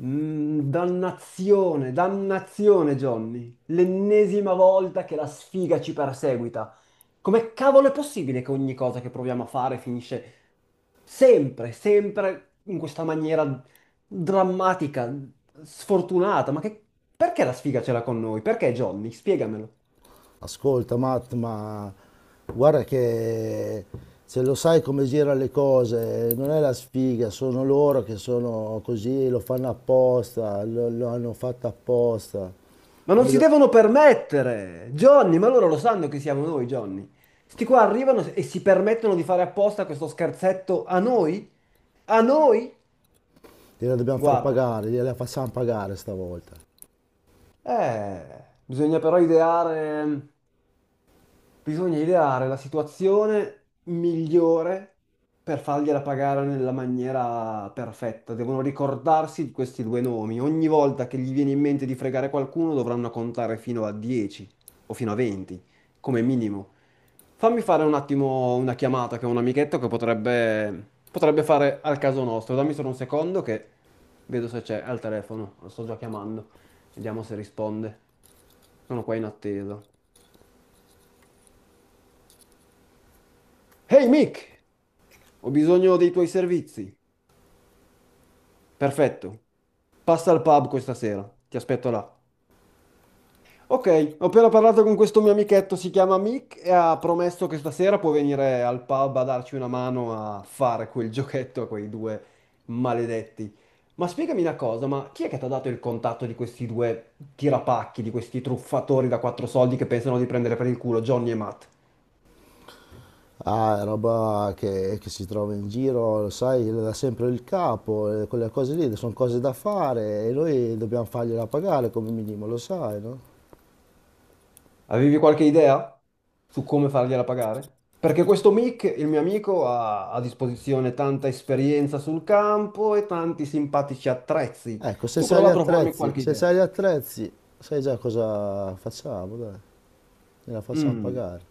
Dannazione, dannazione, Johnny. L'ennesima volta che la sfiga ci perseguita. Come cavolo è possibile che ogni cosa che proviamo a fare finisce sempre, sempre in questa maniera drammatica, sfortunata? Ma che... perché la sfiga ce l'ha con noi? Perché, Johnny? Spiegamelo. Ascolta Matt, ma guarda che se lo sai come girano le cose, non è la sfiga, sono loro che sono così, lo fanno apposta, lo hanno fatto apposta. Ma non Noi si do- devono permettere, Johnny, ma loro lo sanno che siamo noi, Johnny. Sti qua arrivano e si permettono di fare apposta questo scherzetto a noi? A noi? Gliela dobbiamo far Guarda, pagare, gliela facciamo pagare stavolta. Bisogna però ideare. Bisogna ideare la situazione migliore per fargliela pagare nella maniera perfetta. Devono ricordarsi di questi due nomi. Ogni volta che gli viene in mente di fregare qualcuno, dovranno contare fino a 10 o fino a 20, come minimo. Fammi fare un attimo una chiamata che ho un amichetto che potrebbe fare al caso nostro. Dammi solo un secondo che vedo se c'è al telefono. Lo sto già chiamando. Vediamo se risponde. Sono qua in attesa. Ehi Mick! Ho bisogno dei tuoi servizi. Perfetto. Passa al pub questa sera. Ti aspetto là. Ok, ho appena parlato con questo mio amichetto, si chiama Mick, e ha promesso che stasera può venire al pub a darci una mano a fare quel giochetto a quei due maledetti. Ma spiegami una cosa, ma chi è che ti ha dato il contatto di questi due tirapacchi, di questi truffatori da quattro soldi che pensano di prendere per il culo, Johnny e Matt? Ah, è roba che si trova in giro, lo sai, le dà sempre il capo, quelle cose lì sono cose da fare e noi dobbiamo fargliela pagare come minimo, lo sai, no? Avevi qualche idea su come fargliela pagare? Perché questo Mick, il mio amico, ha a disposizione tanta esperienza sul campo e tanti simpatici attrezzi. Ecco, Tu prova a propormi qualche se idea. sai gli attrezzi, sai già cosa facciamo, dai, gliela facciamo Mm. pagare.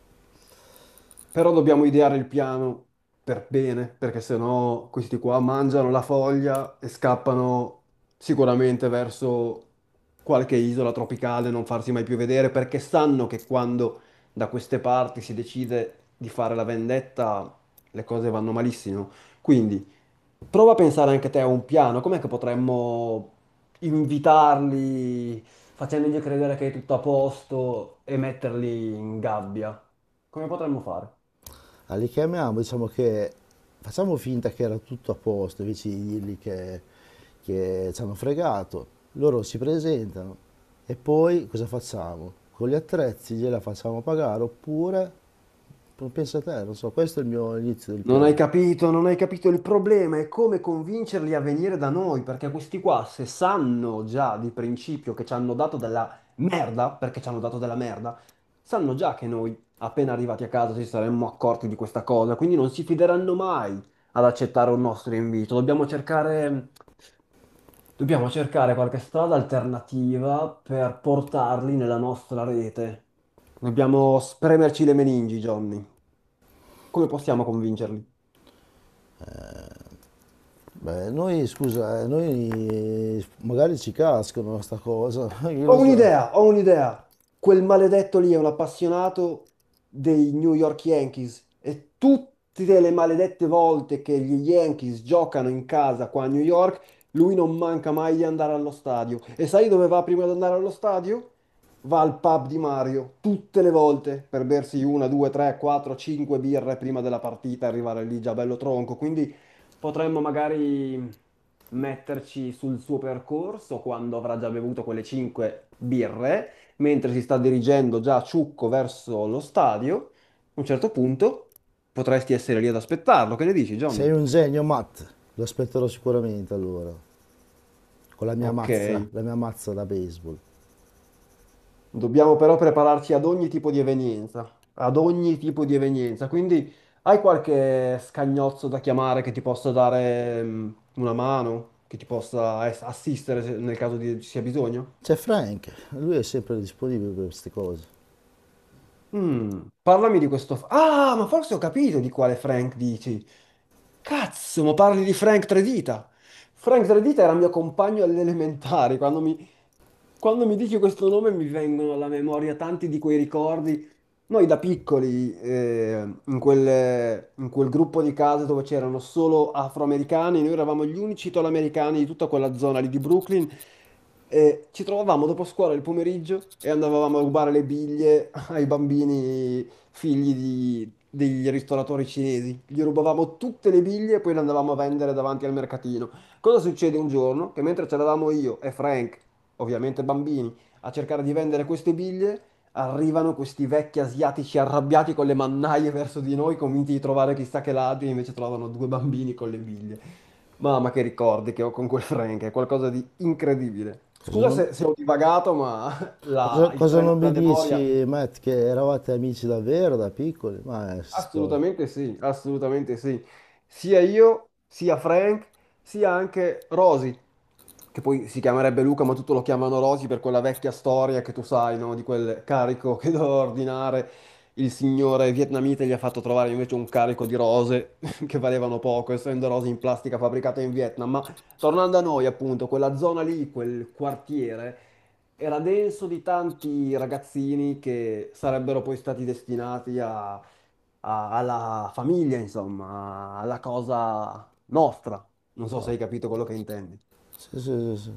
Però dobbiamo ideare il piano per bene, perché sennò questi qua mangiano la foglia e scappano sicuramente verso qualche isola tropicale, non farsi mai più vedere, perché sanno che quando da queste parti si decide di fare la vendetta, le cose vanno malissimo. Quindi prova a pensare anche te a un piano, com'è che potremmo invitarli facendogli credere che è tutto a posto e metterli in gabbia? Come potremmo fare? Ah, li chiamiamo, diciamo che facciamo finta che era tutto a posto, invece di che ci hanno fregato. Loro si presentano e poi cosa facciamo? Con gli attrezzi gliela facciamo pagare oppure, pensa a te, non so, questo è il mio inizio del Non hai piano. capito, non hai capito. Il problema è come convincerli a venire da noi, perché questi qua, se sanno già di principio che ci hanno dato della merda, perché ci hanno dato della merda, sanno già che noi, appena arrivati a casa, ci saremmo accorti di questa cosa, quindi non si fideranno mai ad accettare un nostro invito. Dobbiamo cercare qualche strada alternativa per portarli nella nostra rete. Dobbiamo spremerci le meningi, Johnny. Come possiamo convincerli? Beh, noi, scusa, noi magari ci cascano sta cosa, io Ho lo so. un'idea, ho un'idea. Quel maledetto lì è un appassionato dei New York Yankees e tutte le maledette volte che gli Yankees giocano in casa qua a New York, lui non manca mai di andare allo stadio. E sai dove va prima di andare allo stadio? Va al pub di Mario, tutte le volte, per bersi una, due, tre, quattro, cinque birre prima della partita, arrivare lì già bello tronco. Quindi potremmo magari metterci sul suo percorso quando avrà già bevuto quelle cinque birre, mentre si sta dirigendo già a ciucco verso lo stadio. A un certo punto potresti essere lì ad aspettarlo. Che ne dici, Sei Johnny? un genio, Matt. Lo aspetterò sicuramente allora, con Ok, la mia mazza da baseball. dobbiamo però prepararci ad ogni tipo di evenienza, ad ogni tipo di evenienza. Quindi hai qualche scagnozzo da chiamare che ti possa dare una mano, che ti possa assistere ci sia bisogno? C'è Frank, lui è sempre disponibile per queste cose. Parlami di questo. Ah, ma forse ho capito di quale Frank dici. Cazzo, ma parli di Frank Tredita. Frank Tredita era mio compagno alle elementari. Quando mi dici questo nome mi vengono alla memoria tanti di quei ricordi. Noi da piccoli, in quel gruppo di case dove c'erano solo afroamericani, noi eravamo gli unici italoamericani di tutta quella zona lì di Brooklyn, e ci trovavamo dopo scuola il pomeriggio e andavamo a rubare le biglie ai bambini figli degli ristoratori cinesi. Gli rubavamo tutte le biglie e poi le andavamo a vendere davanti al mercatino. Cosa succede un giorno? Che mentre c'eravamo io e Frank ovviamente bambini, a cercare di vendere queste biglie, arrivano questi vecchi asiatici arrabbiati con le mannaie verso di noi, convinti di trovare chissà che ladri, e invece trovano due bambini con le biglie. Mamma che ricordi che ho con quel Frank, è qualcosa di incredibile. Cosa Scusa non, se ho divagato, ma il cosa treno non mi della memoria. dici, Matt, che eravate amici davvero da piccoli? Ma è storia. Assolutamente sì, assolutamente sì. Sia io, sia Frank, sia anche Rosy, che poi si chiamerebbe Luca, ma tutto lo chiamano Rosy per quella vecchia storia che tu sai, no? Di quel carico che doveva ordinare il signore vietnamita e gli ha fatto trovare invece un carico di rose che valevano poco, essendo rose in plastica fabbricata in Vietnam. Ma tornando a noi, appunto, quella zona lì, quel quartiere, era denso di tanti ragazzini che sarebbero poi stati destinati a alla famiglia, insomma, alla cosa nostra. Non so se Oh, hai capito quello che intendi. sì, sì, sì, sì.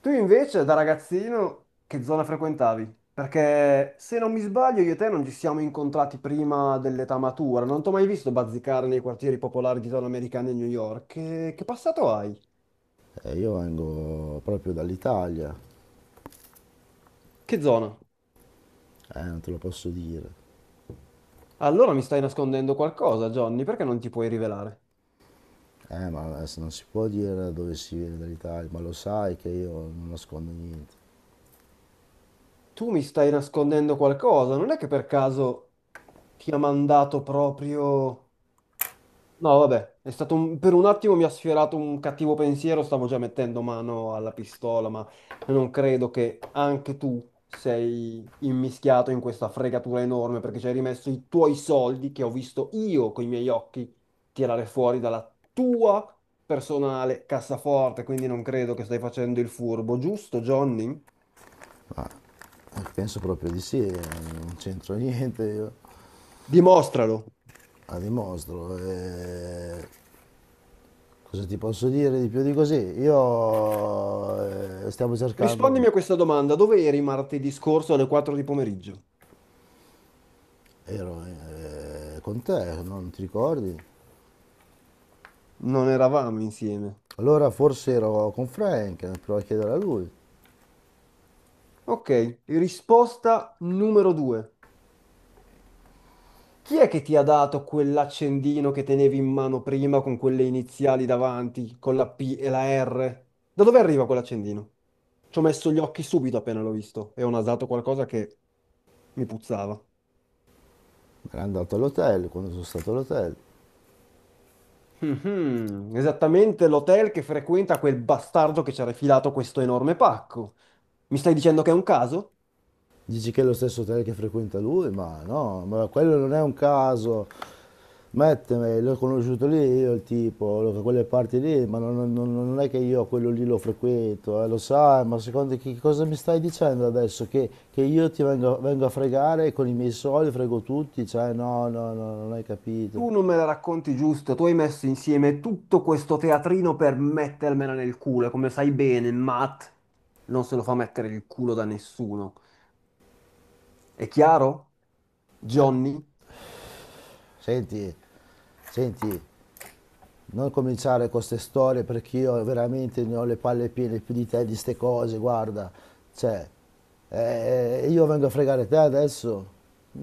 Tu invece, da ragazzino, che zona frequentavi? Perché se non mi sbaglio, io e te non ci siamo incontrati prima dell'età matura. Non ti ho mai visto bazzicare nei quartieri popolari di zona americana di New York. Che passato hai? Io vengo proprio dall'Italia, Che zona? Non te lo posso dire. Allora mi stai nascondendo qualcosa, Johnny, perché non ti puoi rivelare? Ma adesso non si può dire dove si viene dall'Italia, ma lo sai che io non nascondo niente. Tu mi stai nascondendo qualcosa, non è che per caso ti ha mandato proprio. No, vabbè, è stato per un attimo mi ha sfiorato un cattivo pensiero, stavo già mettendo mano alla pistola, ma non credo che anche tu sei immischiato in questa fregatura enorme perché ci hai rimesso i tuoi soldi che ho visto io con i miei occhi tirare fuori dalla tua personale cassaforte, quindi non credo che stai facendo il furbo, giusto, Johnny? Penso proprio di sì, non c'entro niente io. Dimostralo. A dimostro. Cosa ti posso dire di più di così? Io stiamo cercando, Rispondimi a questa domanda, dove eri martedì scorso alle 4 di pomeriggio? ero con te, non ti ricordi? Non eravamo insieme. Allora forse ero con Frank, provo a chiedere a lui. Ok, risposta numero due. Chi è che ti ha dato quell'accendino che tenevi in mano prima con quelle iniziali davanti, con la P e la R? Da dove arriva quell'accendino? Ci ho messo gli occhi subito appena l'ho visto e ho nasato qualcosa che mi puzzava. Era andato all'hotel, quando sono stato all'hotel. Mhm. Esattamente l'hotel che frequenta quel bastardo che ci ha rifilato questo enorme pacco. Mi stai dicendo che è un caso? Dici che è lo stesso hotel che frequenta lui? Ma no, ma quello non è un caso. Metteme, l'ho conosciuto lì io il tipo, da quelle parti lì, ma non è che io quello lì lo frequento, lo sai, ma secondo che cosa mi stai dicendo adesso? Che io ti vengo a fregare con i miei soldi, frego tutti, cioè no, no, no, non hai capito. Tu non me la racconti giusto, tu hai messo insieme tutto questo teatrino per mettermela nel culo, e come sai bene, Matt non se lo fa mettere il culo da nessuno. È chiaro? Johnny? Senti, senti, non cominciare con queste storie perché io veramente ne ho le palle piene più di te di ste cose, guarda. Cioè, io vengo a fregare te adesso?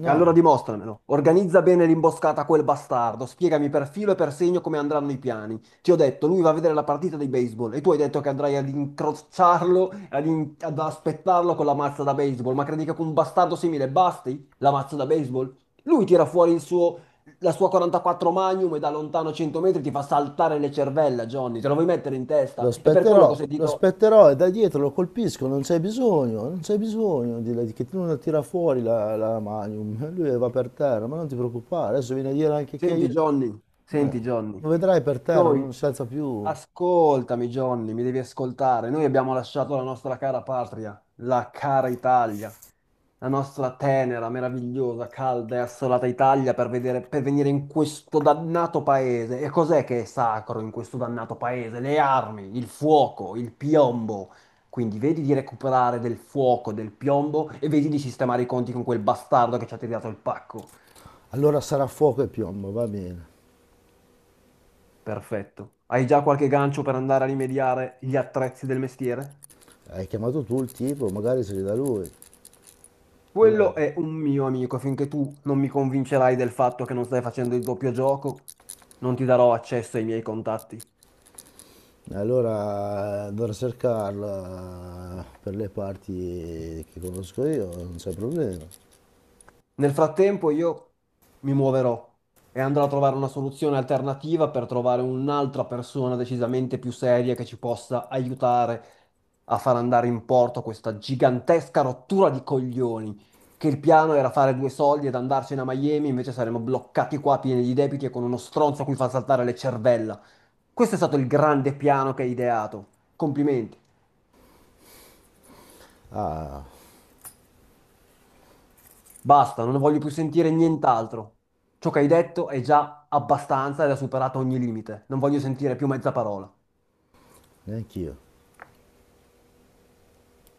E allora dimostramelo. Organizza bene l'imboscata a quel bastardo. Spiegami per filo e per segno come andranno i piani. Ti ho detto, lui va a vedere la partita di baseball e tu hai detto che andrai ad incrociarlo, ad aspettarlo con la mazza da baseball. Ma credi che con un bastardo simile basti la mazza da baseball? Lui tira fuori la sua 44 Magnum e da lontano 100 metri ti fa saltare le cervella, Johnny. Te lo vuoi mettere in testa? È per quello che ho lo sentito... aspetterò e da dietro lo colpisco, non c'è bisogno di che tu non la tira fuori la Magnum, lui va per terra, ma non ti preoccupare, adesso viene a dire anche che io Senti, Johnny, senti, Johnny. lo vedrai per terra, non Noi si alza più. Ascoltami, Johnny, mi devi ascoltare. Noi abbiamo lasciato la nostra cara patria, la cara Italia, la nostra tenera, meravigliosa, calda e assolata Italia per per venire in questo dannato paese. E cos'è che è sacro in questo dannato paese? Le armi, il fuoco, il piombo. Quindi vedi di recuperare del fuoco, del piombo e vedi di sistemare i conti con quel bastardo che ci ha tirato il pacco. Allora sarà fuoco e piombo, va bene. Perfetto. Hai già qualche gancio per andare a rimediare gli attrezzi del mestiere? Hai chiamato tu il tipo, magari se li dà lui. Io Quello è un mio amico, finché tu non mi convincerai del fatto che non stai facendo il doppio gioco, non ti darò accesso ai miei contatti. allora andrò a cercarla per le parti che conosco io, non c'è problema. Nel frattempo io mi muoverò e andrò a trovare una soluzione alternativa per trovare un'altra persona decisamente più seria che ci possa aiutare a far andare in porto questa gigantesca rottura di coglioni, che il piano era fare due soldi ed andarcene a Miami, invece saremmo bloccati qua pieni di debiti e con uno stronzo a cui far saltare le cervella. Questo è stato il grande piano che hai ideato. Complimenti. Ah, Basta, non voglio più sentire nient'altro. Ciò che hai detto è già abbastanza ed ha superato ogni limite. Non voglio sentire più mezza parola. neanch'io.